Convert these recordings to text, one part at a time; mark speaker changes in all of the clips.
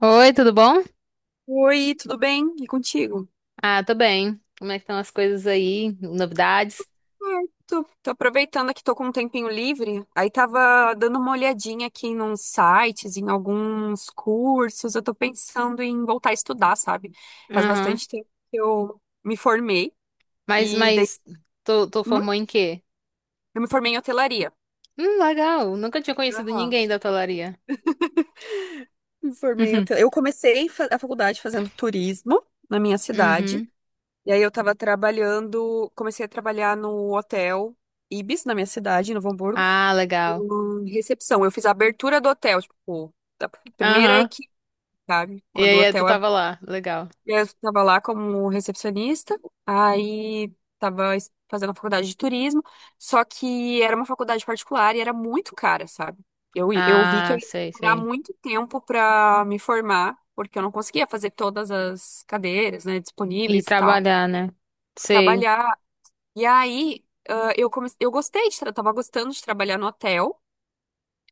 Speaker 1: Oi, tudo bom?
Speaker 2: Oi, tudo bem? E contigo?
Speaker 1: Ah, tô bem. Como é que estão as coisas aí? Novidades?
Speaker 2: É, tô aproveitando aqui, tô com um tempinho livre. Aí tava dando uma olhadinha aqui nos sites, em alguns cursos. Eu tô pensando em voltar a estudar, sabe? Faz
Speaker 1: Aham.
Speaker 2: bastante tempo que eu me formei.
Speaker 1: Mas,
Speaker 2: e dei...
Speaker 1: mas, tu
Speaker 2: Hum?
Speaker 1: formou em quê?
Speaker 2: Eu me formei em hotelaria.
Speaker 1: Legal. Nunca tinha conhecido
Speaker 2: Aham.
Speaker 1: ninguém da hotelaria.
Speaker 2: Me formei em
Speaker 1: Uhum.
Speaker 2: hotel... Eu comecei a faculdade fazendo turismo na minha cidade.
Speaker 1: Uhum.
Speaker 2: E aí eu tava trabalhando, comecei a trabalhar no hotel Ibis, na minha cidade, em Novo Hamburgo.
Speaker 1: Ah, legal.
Speaker 2: Recepção, eu fiz a abertura do hotel, tipo, da primeira
Speaker 1: Aham.
Speaker 2: equipe, sabe?
Speaker 1: E
Speaker 2: Quando o
Speaker 1: aí, tu
Speaker 2: hotel ab-
Speaker 1: tava lá. Legal.
Speaker 2: eu tava lá como recepcionista, aí tava fazendo a faculdade de turismo, só que era uma faculdade particular e era muito cara, sabe? Eu vi que
Speaker 1: Ah,
Speaker 2: eu ia
Speaker 1: sei,
Speaker 2: demorar
Speaker 1: sei.
Speaker 2: muito tempo pra me formar, porque eu não conseguia fazer todas as cadeiras, né,
Speaker 1: E
Speaker 2: disponíveis e tal,
Speaker 1: trabalhar, né? Sei.
Speaker 2: trabalhar. E aí, eu comecei, eu gostei de, tava gostando de trabalhar no hotel.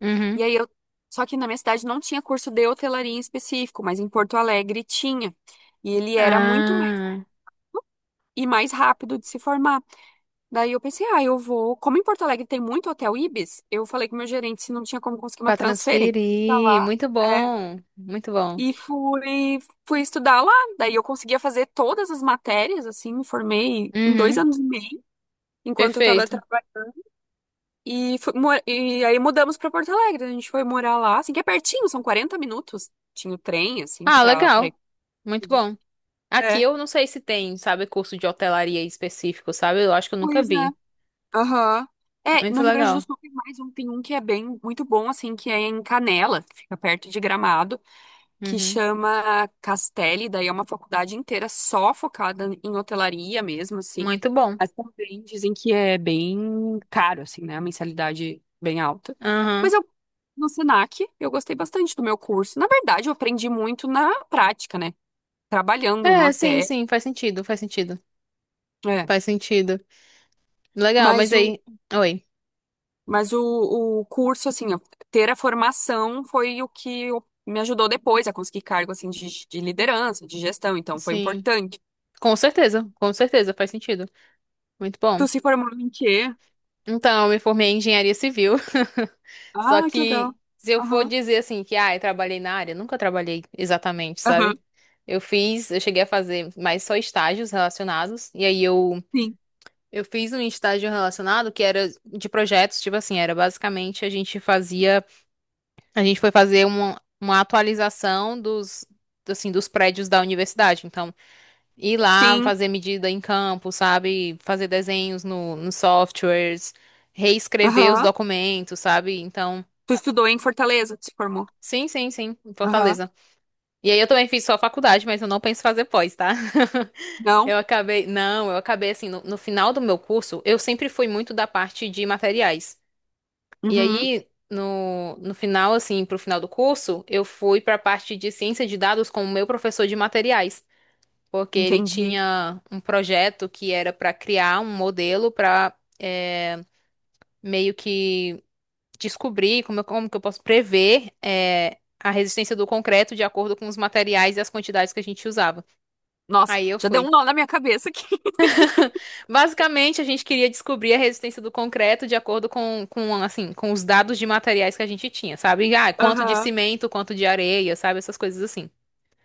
Speaker 1: Uhum.
Speaker 2: E aí eu. Só que na minha cidade não tinha curso de hotelaria em específico, mas em Porto Alegre tinha. E ele era muito mais,
Speaker 1: Ah,
Speaker 2: e mais rápido de se formar. Daí eu pensei, eu vou. Como em Porto Alegre tem muito hotel Ibis, eu falei com o meu gerente se não tinha como conseguir uma
Speaker 1: Pra
Speaker 2: transferência pra
Speaker 1: transferir.
Speaker 2: lá.
Speaker 1: Muito
Speaker 2: É.
Speaker 1: bom. Muito bom.
Speaker 2: E fui estudar lá. Daí eu conseguia fazer todas as matérias, assim, me formei em dois
Speaker 1: Uhum.
Speaker 2: anos e meio, enquanto eu estava.
Speaker 1: Perfeito.
Speaker 2: E aí mudamos pra Porto Alegre. A gente foi morar lá, assim, que é pertinho, são 40 minutos. Tinha o trem, assim,
Speaker 1: Ah,
Speaker 2: pra
Speaker 1: legal.
Speaker 2: ir.
Speaker 1: Muito bom. Aqui
Speaker 2: É.
Speaker 1: eu não sei se tem, sabe, curso de hotelaria específico, sabe? Eu acho que eu nunca
Speaker 2: Pois é.
Speaker 1: vi.
Speaker 2: Aham. É, no
Speaker 1: Muito
Speaker 2: Rio Grande do
Speaker 1: legal.
Speaker 2: Sul tem mais um, tem um que é bem, muito bom, assim, que é em Canela, que fica perto de Gramado. Que
Speaker 1: Uhum.
Speaker 2: chama Castelli, daí é uma faculdade inteira só focada em hotelaria mesmo, assim.
Speaker 1: Muito bom.
Speaker 2: Mas também dizem que é bem caro, assim, né? A mensalidade bem alta.
Speaker 1: Aham.
Speaker 2: Mas eu, no Senac, eu gostei bastante do meu curso. Na verdade, eu aprendi muito na prática, né? Trabalhando no
Speaker 1: É, sim,
Speaker 2: hotel.
Speaker 1: sim, faz sentido, faz sentido.
Speaker 2: É,
Speaker 1: Faz sentido. Legal,
Speaker 2: mas
Speaker 1: mas
Speaker 2: o,
Speaker 1: aí. Oi.
Speaker 2: mas o curso, assim, ter a formação foi o que me ajudou depois a conseguir cargo, assim, de liderança, de gestão. Então, foi
Speaker 1: Sim.
Speaker 2: importante.
Speaker 1: Com certeza, faz sentido. Muito bom.
Speaker 2: Tu se formou em quê?
Speaker 1: Então, eu me formei em engenharia civil. Só
Speaker 2: Ah, que
Speaker 1: que
Speaker 2: legal.
Speaker 1: se eu for
Speaker 2: Aham.
Speaker 1: dizer assim que, ah, eu trabalhei na área, nunca trabalhei exatamente,
Speaker 2: Aham.
Speaker 1: sabe? Eu fiz, eu cheguei a fazer mais só estágios relacionados, e aí eu
Speaker 2: Sim.
Speaker 1: Eu fiz um estágio relacionado que era de projetos, tipo assim, era basicamente a gente fazia, a gente foi fazer uma atualização dos, assim, dos prédios da universidade. Então, ir lá
Speaker 2: Sim.
Speaker 1: fazer medida em campo, sabe? Fazer desenhos no, nos softwares, reescrever os
Speaker 2: Aham.
Speaker 1: documentos, sabe? Então,
Speaker 2: Tu estudou em Fortaleza, tu se formou.
Speaker 1: sim, sim, sim, em
Speaker 2: Aham.
Speaker 1: Fortaleza. E aí eu também fiz só faculdade, mas eu não penso fazer pós, tá? Eu
Speaker 2: Não?
Speaker 1: acabei, não, eu acabei assim, no final do meu curso, eu sempre fui muito da parte de materiais. E
Speaker 2: Uhum.
Speaker 1: aí, no final, assim, pro final do curso, eu fui pra parte de ciência de dados com o meu professor de materiais, porque ele
Speaker 2: Entendi.
Speaker 1: tinha um projeto que era pra criar um modelo pra é, meio que descobrir como, como que eu posso prever a resistência do concreto de acordo com os materiais e as quantidades que a gente usava.
Speaker 2: Nossa,
Speaker 1: Aí eu
Speaker 2: já deu um
Speaker 1: fui.
Speaker 2: nó na minha cabeça aqui.
Speaker 1: Basicamente, a gente queria descobrir a resistência do concreto de acordo assim, com os dados de materiais que a gente tinha, sabe? Ah, quanto de
Speaker 2: Aham.
Speaker 1: cimento, quanto de areia, sabe? Essas coisas assim.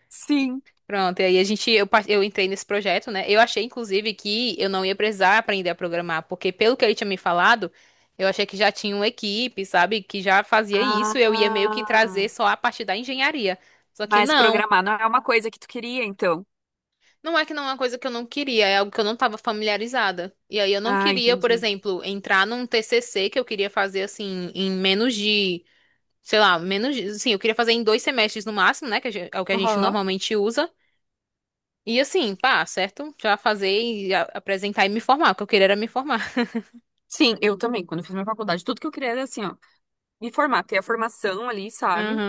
Speaker 2: Sim.
Speaker 1: Pronto, e aí a gente, eu, eu entrei nesse projeto, né? Eu achei, inclusive, que eu não ia precisar aprender a programar, porque pelo que ele tinha me falado, eu achei que já tinha uma equipe, sabe? Que já fazia isso, e eu ia meio que
Speaker 2: Ah.
Speaker 1: trazer só a parte da engenharia. Só que
Speaker 2: Mas
Speaker 1: não.
Speaker 2: programar não é uma coisa que tu queria, então.
Speaker 1: Não é que não é uma coisa que eu não queria, é algo que eu não estava familiarizada. E aí eu não
Speaker 2: Ah,
Speaker 1: queria, por
Speaker 2: entendi.
Speaker 1: exemplo, entrar num TCC que eu queria fazer assim em menos de, sei lá, menos de, assim, eu queria fazer em dois semestres no máximo, né, que a é o que a gente
Speaker 2: Aham.
Speaker 1: normalmente usa. E assim, pá, certo? Já fazer e apresentar e me formar, o que eu queria era me formar.
Speaker 2: Sim, eu também. Quando eu fiz minha faculdade, tudo que eu queria era assim, ó, me formar, ter a formação ali, sabe?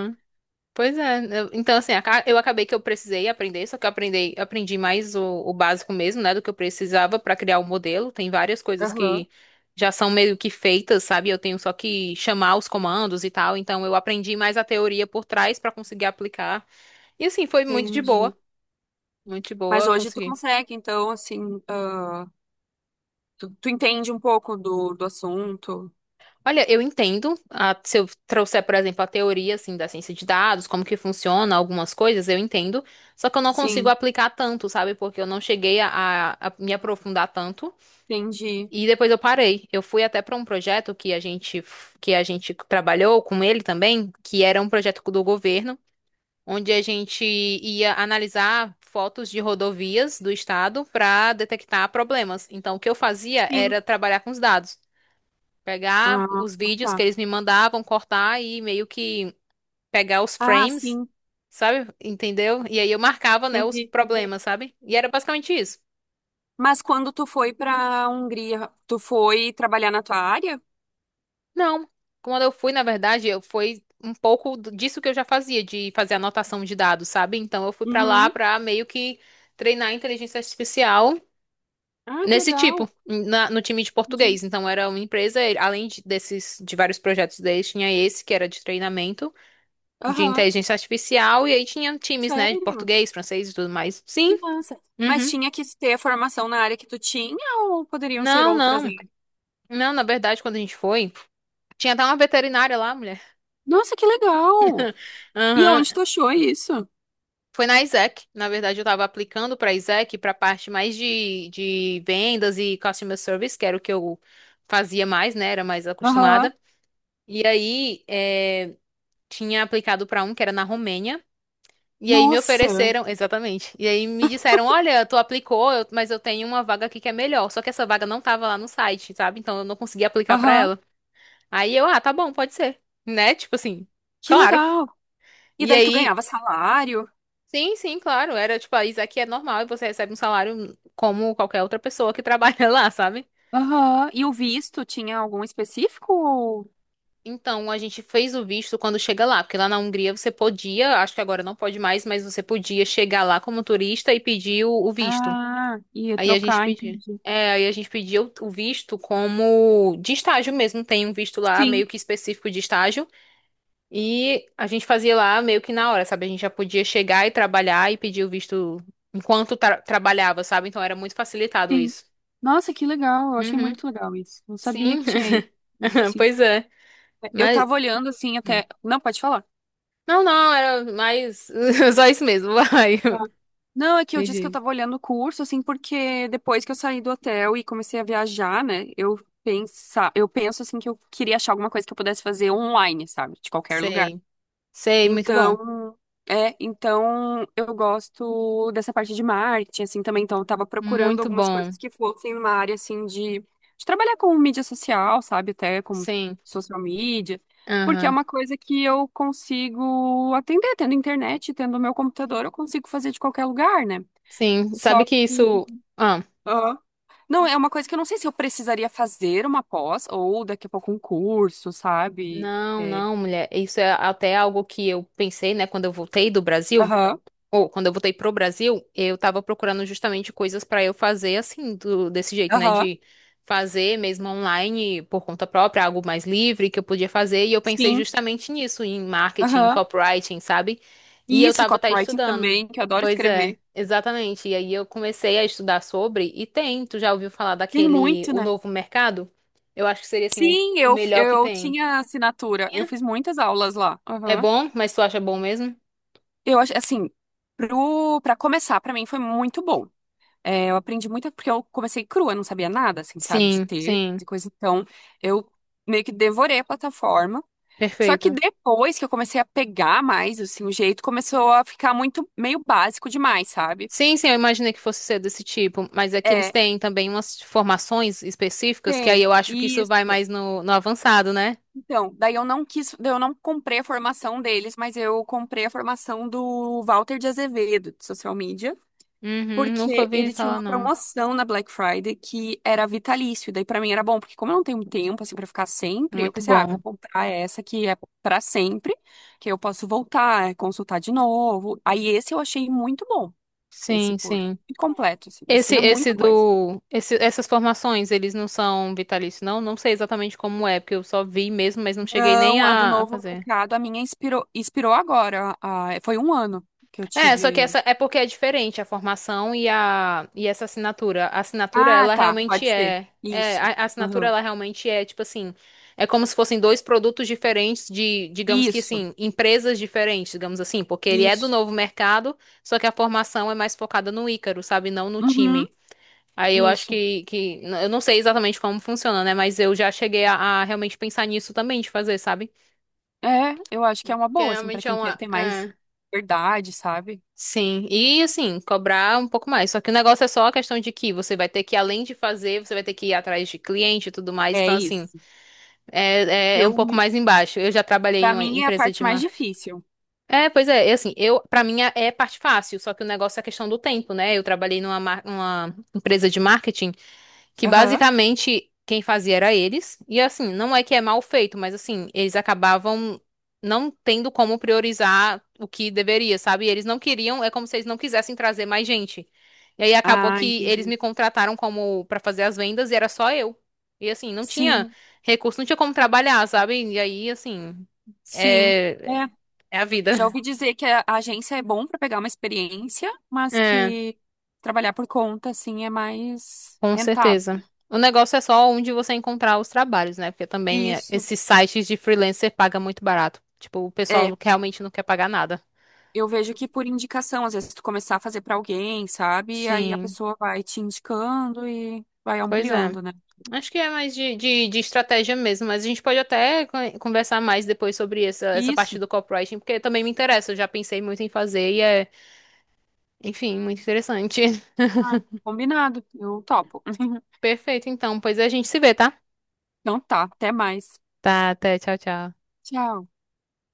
Speaker 1: Pois é, então assim, eu acabei que eu precisei aprender, só que eu aprendi, aprendi mais o básico mesmo, né, do que eu precisava para criar o modelo. Tem várias coisas
Speaker 2: Aham.
Speaker 1: que já são meio que feitas, sabe? Eu tenho só que chamar os comandos e tal. Então eu aprendi mais a teoria por trás para conseguir aplicar. E assim, foi
Speaker 2: Entendi.
Speaker 1: muito de
Speaker 2: Mas
Speaker 1: boa,
Speaker 2: hoje tu
Speaker 1: consegui
Speaker 2: consegue, então, assim. Tu entende um pouco do assunto?
Speaker 1: olha, eu entendo, ah, se eu trouxer, por exemplo, a teoria assim da ciência de dados, como que funciona algumas coisas, eu entendo, só que eu não consigo
Speaker 2: Sim,
Speaker 1: aplicar tanto, sabe? Porque eu não cheguei a me aprofundar tanto
Speaker 2: entendi.
Speaker 1: e depois eu parei. Eu fui até para um projeto que a gente que a gente trabalhou com ele também, que era um projeto do governo, onde a gente ia analisar fotos de rodovias do estado para detectar problemas. Então, o que eu fazia
Speaker 2: Sim.
Speaker 1: era trabalhar com os dados. Pegar
Speaker 2: Ah,
Speaker 1: os vídeos que
Speaker 2: tá.
Speaker 1: eles me mandavam, cortar e meio que pegar os
Speaker 2: Ah,
Speaker 1: frames,
Speaker 2: sim,
Speaker 1: sabe? Entendeu? E aí eu marcava, né, os
Speaker 2: entendi.
Speaker 1: problemas, sabe? E era basicamente isso.
Speaker 2: Mas quando tu foi pra Hungria, tu foi trabalhar na tua área?
Speaker 1: Não. Quando eu fui, na verdade, eu fui um pouco disso que eu já fazia, de fazer anotação de dados, sabe? Então eu fui pra lá
Speaker 2: Uhum.
Speaker 1: pra meio que treinar a inteligência artificial
Speaker 2: Ah, que
Speaker 1: nesse tipo,
Speaker 2: legal.
Speaker 1: no time de
Speaker 2: Entendi.
Speaker 1: português. Então era uma empresa, além desses de vários projetos deles, tinha esse que era de treinamento de
Speaker 2: Aham.
Speaker 1: inteligência artificial, e aí tinha times, né, de
Speaker 2: Sério?
Speaker 1: português, francês e tudo mais. Sim,
Speaker 2: Que massa. Mas
Speaker 1: uhum.
Speaker 2: tinha que ter a formação na área que tu tinha ou poderiam ser
Speaker 1: Não,
Speaker 2: outras
Speaker 1: não.
Speaker 2: áreas?
Speaker 1: Não, na verdade, quando a gente foi, tinha até uma veterinária lá, mulher.
Speaker 2: Nossa, que legal! E
Speaker 1: Aham.
Speaker 2: onde tu achou isso?
Speaker 1: Foi na Isaac. Na verdade, eu tava aplicando pra Isaac pra parte mais de vendas e customer service, que era o que eu fazia mais, né? Era mais
Speaker 2: Aham.
Speaker 1: acostumada. E aí, tinha aplicado pra um que era na Romênia. E aí me
Speaker 2: Nossa.
Speaker 1: ofereceram, exatamente. E aí me disseram, olha, tu aplicou, mas eu tenho uma vaga aqui que é melhor. Só que essa vaga não tava lá no site, sabe? Então eu não consegui aplicar pra
Speaker 2: Aham.
Speaker 1: ela. Aí eu, ah, tá bom, pode ser, né? Tipo assim,
Speaker 2: Que
Speaker 1: claro.
Speaker 2: legal. E
Speaker 1: E
Speaker 2: daí tu
Speaker 1: aí,
Speaker 2: ganhava salário?
Speaker 1: sim, sim, claro. Era tipo, ah, isso aqui é normal e você recebe um salário como qualquer outra pessoa que trabalha lá, sabe?
Speaker 2: Aham. E o visto tinha algum específico?
Speaker 1: Então a gente fez o visto quando chega lá, porque lá na Hungria você podia, acho que agora não pode mais, mas você podia chegar lá como turista e pedir o visto.
Speaker 2: Ah, ia
Speaker 1: Aí a gente
Speaker 2: trocar,
Speaker 1: pediu.
Speaker 2: entendi.
Speaker 1: É, aí a gente pediu o visto como de estágio mesmo. Tem um visto lá
Speaker 2: Sim,
Speaker 1: meio que específico de estágio. E a gente fazia lá meio que na hora, sabe? A gente já podia chegar e trabalhar e pedir o visto enquanto trabalhava, sabe? Então era muito facilitado
Speaker 2: sim.
Speaker 1: isso.
Speaker 2: Nossa, que legal. Eu achei
Speaker 1: Uhum,
Speaker 2: muito legal isso. Não sabia
Speaker 1: sim,
Speaker 2: que tinha isso, assim.
Speaker 1: pois é.
Speaker 2: Eu
Speaker 1: Mas.
Speaker 2: tava olhando assim
Speaker 1: Hum.
Speaker 2: até. Não, pode falar.
Speaker 1: Não, não, era mais. Só isso mesmo, vai.
Speaker 2: Tá. Não, é que eu
Speaker 1: Me
Speaker 2: disse que eu
Speaker 1: diz.
Speaker 2: tava olhando o curso, assim, porque depois que eu saí do hotel e comecei a viajar, né? Eu penso assim que eu queria achar alguma coisa que eu pudesse fazer online, sabe? De qualquer lugar.
Speaker 1: Sei. Sei, muito bom.
Speaker 2: Então, é, então eu gosto dessa parte de marketing, assim, também. Então, eu tava procurando
Speaker 1: Muito
Speaker 2: algumas
Speaker 1: bom.
Speaker 2: coisas que fossem uma área, assim, de trabalhar com mídia social, sabe? Até com
Speaker 1: Sim.
Speaker 2: social media, porque é
Speaker 1: Aham.
Speaker 2: uma coisa que eu consigo atender, tendo internet, tendo meu computador, eu consigo fazer de qualquer lugar, né?
Speaker 1: Sim.
Speaker 2: Só
Speaker 1: Sabe que
Speaker 2: que.
Speaker 1: isso. Ah.
Speaker 2: Aham. Não, é uma coisa que eu não sei se eu precisaria fazer uma pós ou daqui a pouco um curso, sabe?
Speaker 1: Não,
Speaker 2: É,
Speaker 1: não, mulher. Isso é até algo que eu pensei, né, quando eu voltei do Brasil,
Speaker 2: aham,
Speaker 1: ou quando eu voltei pro Brasil, eu tava procurando justamente coisas pra eu fazer assim, desse jeito, né,
Speaker 2: aham,
Speaker 1: de fazer mesmo online por conta própria, algo mais livre que eu podia fazer, e eu pensei
Speaker 2: sim.
Speaker 1: justamente nisso, em marketing, em
Speaker 2: Aham.
Speaker 1: copywriting, sabe? E
Speaker 2: E
Speaker 1: eu
Speaker 2: isso,
Speaker 1: tava até
Speaker 2: copywriting
Speaker 1: estudando.
Speaker 2: também, que eu adoro
Speaker 1: Pois é,
Speaker 2: escrever.
Speaker 1: exatamente. E aí eu comecei a estudar sobre, e tem, tu já ouviu falar
Speaker 2: Tem
Speaker 1: daquele,
Speaker 2: muito,
Speaker 1: o
Speaker 2: né?
Speaker 1: novo mercado? Eu acho que seria assim,
Speaker 2: Sim,
Speaker 1: o
Speaker 2: eu,
Speaker 1: melhor que
Speaker 2: eu
Speaker 1: tem.
Speaker 2: tinha assinatura. Eu fiz muitas aulas lá.
Speaker 1: É
Speaker 2: Aham.
Speaker 1: bom? Mas tu acha bom mesmo?
Speaker 2: Eu acho, assim, pra começar, pra mim foi muito bom. É, eu aprendi muito porque eu comecei crua, eu não sabia nada, assim, sabe, de
Speaker 1: Sim,
Speaker 2: ter,
Speaker 1: sim.
Speaker 2: de coisa. Então, eu meio que devorei a plataforma. Só
Speaker 1: Perfeito.
Speaker 2: que depois que eu comecei a pegar mais, assim, o jeito começou a ficar muito meio básico demais, sabe?
Speaker 1: Sim, sim, eu imaginei que fosse ser desse tipo, mas é que eles
Speaker 2: É,
Speaker 1: têm também umas formações específicas, que aí
Speaker 2: tem.
Speaker 1: eu acho que isso vai
Speaker 2: Isso.
Speaker 1: mais no avançado, né?
Speaker 2: Então, daí eu não quis, daí eu não comprei a formação deles, mas eu comprei a formação do Walter de Azevedo, de social media,
Speaker 1: Uhum, nunca
Speaker 2: porque
Speaker 1: ouvi
Speaker 2: ele tinha
Speaker 1: falar,
Speaker 2: uma
Speaker 1: não.
Speaker 2: promoção na Black Friday que era vitalício. Daí pra mim era bom, porque como eu não tenho tempo assim para ficar sempre, eu
Speaker 1: Muito
Speaker 2: pensei, eu vou
Speaker 1: bom.
Speaker 2: comprar essa que é pra sempre, que eu posso voltar, consultar de novo. Aí esse eu achei muito bom, esse
Speaker 1: Sim,
Speaker 2: curso.
Speaker 1: sim.
Speaker 2: E completo, assim, ensina muita coisa.
Speaker 1: Essas formações, eles não são vitalícios, não? Não sei exatamente como é, porque eu só vi mesmo, mas não cheguei nem
Speaker 2: Não, a do
Speaker 1: a
Speaker 2: novo
Speaker 1: fazer.
Speaker 2: mercado, a minha inspirou, agora. Foi um ano que eu
Speaker 1: É, só que
Speaker 2: tive.
Speaker 1: essa é porque é diferente a formação e a e essa assinatura. A assinatura
Speaker 2: Ah,
Speaker 1: ela
Speaker 2: tá,
Speaker 1: realmente
Speaker 2: pode ser.
Speaker 1: é
Speaker 2: Isso.
Speaker 1: a assinatura
Speaker 2: Aham.
Speaker 1: ela realmente é tipo assim, é como se fossem dois produtos diferentes de, digamos que
Speaker 2: Isso,
Speaker 1: assim, empresas diferentes, digamos assim, porque ele é do
Speaker 2: isso.
Speaker 1: novo mercado, só que a formação é mais focada no Ícaro, sabe, não no
Speaker 2: Uhum,
Speaker 1: time. Aí eu acho
Speaker 2: isso.
Speaker 1: que eu não sei exatamente como funciona, né, mas eu já cheguei a realmente pensar nisso também de fazer, sabe?
Speaker 2: É, eu acho que é uma
Speaker 1: Que
Speaker 2: boa, assim, pra
Speaker 1: realmente é
Speaker 2: quem quer
Speaker 1: uma
Speaker 2: ter mais
Speaker 1: é.
Speaker 2: verdade, sabe?
Speaker 1: Sim, e assim, cobrar um pouco mais. Só que o negócio é só a questão de que você vai ter que, além de fazer, você vai ter que ir atrás de cliente e tudo mais.
Speaker 2: É
Speaker 1: Então, assim,
Speaker 2: isso.
Speaker 1: é um pouco
Speaker 2: Filme,
Speaker 1: mais embaixo. Eu já trabalhei em
Speaker 2: pra
Speaker 1: uma
Speaker 2: mim, é a
Speaker 1: empresa
Speaker 2: parte
Speaker 1: de
Speaker 2: mais
Speaker 1: marketing.
Speaker 2: difícil.
Speaker 1: É, pois é, e assim, eu, pra mim é parte fácil, só que o negócio é a questão do tempo, né? Eu trabalhei numa uma empresa de marketing. Que
Speaker 2: Aham.
Speaker 1: basicamente quem fazia era eles. E assim, não é que é mal feito, mas assim, eles acabavam não tendo como priorizar o que deveria, sabe? E eles não queriam, é como se eles não quisessem trazer mais gente. E aí acabou
Speaker 2: Ah,
Speaker 1: que eles
Speaker 2: entendi.
Speaker 1: me contrataram como pra fazer as vendas e era só eu. E assim, não tinha
Speaker 2: Sim,
Speaker 1: recurso, não tinha como trabalhar, sabe? E aí, assim,
Speaker 2: sim.
Speaker 1: é,
Speaker 2: É.
Speaker 1: é a
Speaker 2: Já
Speaker 1: vida.
Speaker 2: ouvi dizer que a agência é bom pra pegar uma experiência, mas
Speaker 1: É.
Speaker 2: que trabalhar por conta, assim, é mais
Speaker 1: Com
Speaker 2: rentável.
Speaker 1: certeza. O negócio é só onde você encontrar os trabalhos, né? Porque também é,
Speaker 2: Isso.
Speaker 1: esses sites de freelancer pagam muito barato. Tipo, o pessoal
Speaker 2: É,
Speaker 1: realmente não quer pagar nada.
Speaker 2: eu vejo que por indicação, às vezes tu começar a fazer pra alguém, sabe? E aí a
Speaker 1: Sim,
Speaker 2: pessoa vai te indicando e vai
Speaker 1: pois é.
Speaker 2: ampliando, né?
Speaker 1: Acho que é mais de estratégia mesmo, mas a gente pode até conversar mais depois sobre essa parte
Speaker 2: Isso.
Speaker 1: do copywriting, porque também me interessa. Eu já pensei muito em fazer e é, enfim, muito interessante.
Speaker 2: Ah, combinado. Eu topo.
Speaker 1: Perfeito, então. Pois a gente se vê, tá?
Speaker 2: Então tá, até mais.
Speaker 1: Tá, até. Tchau, tchau.
Speaker 2: Tchau.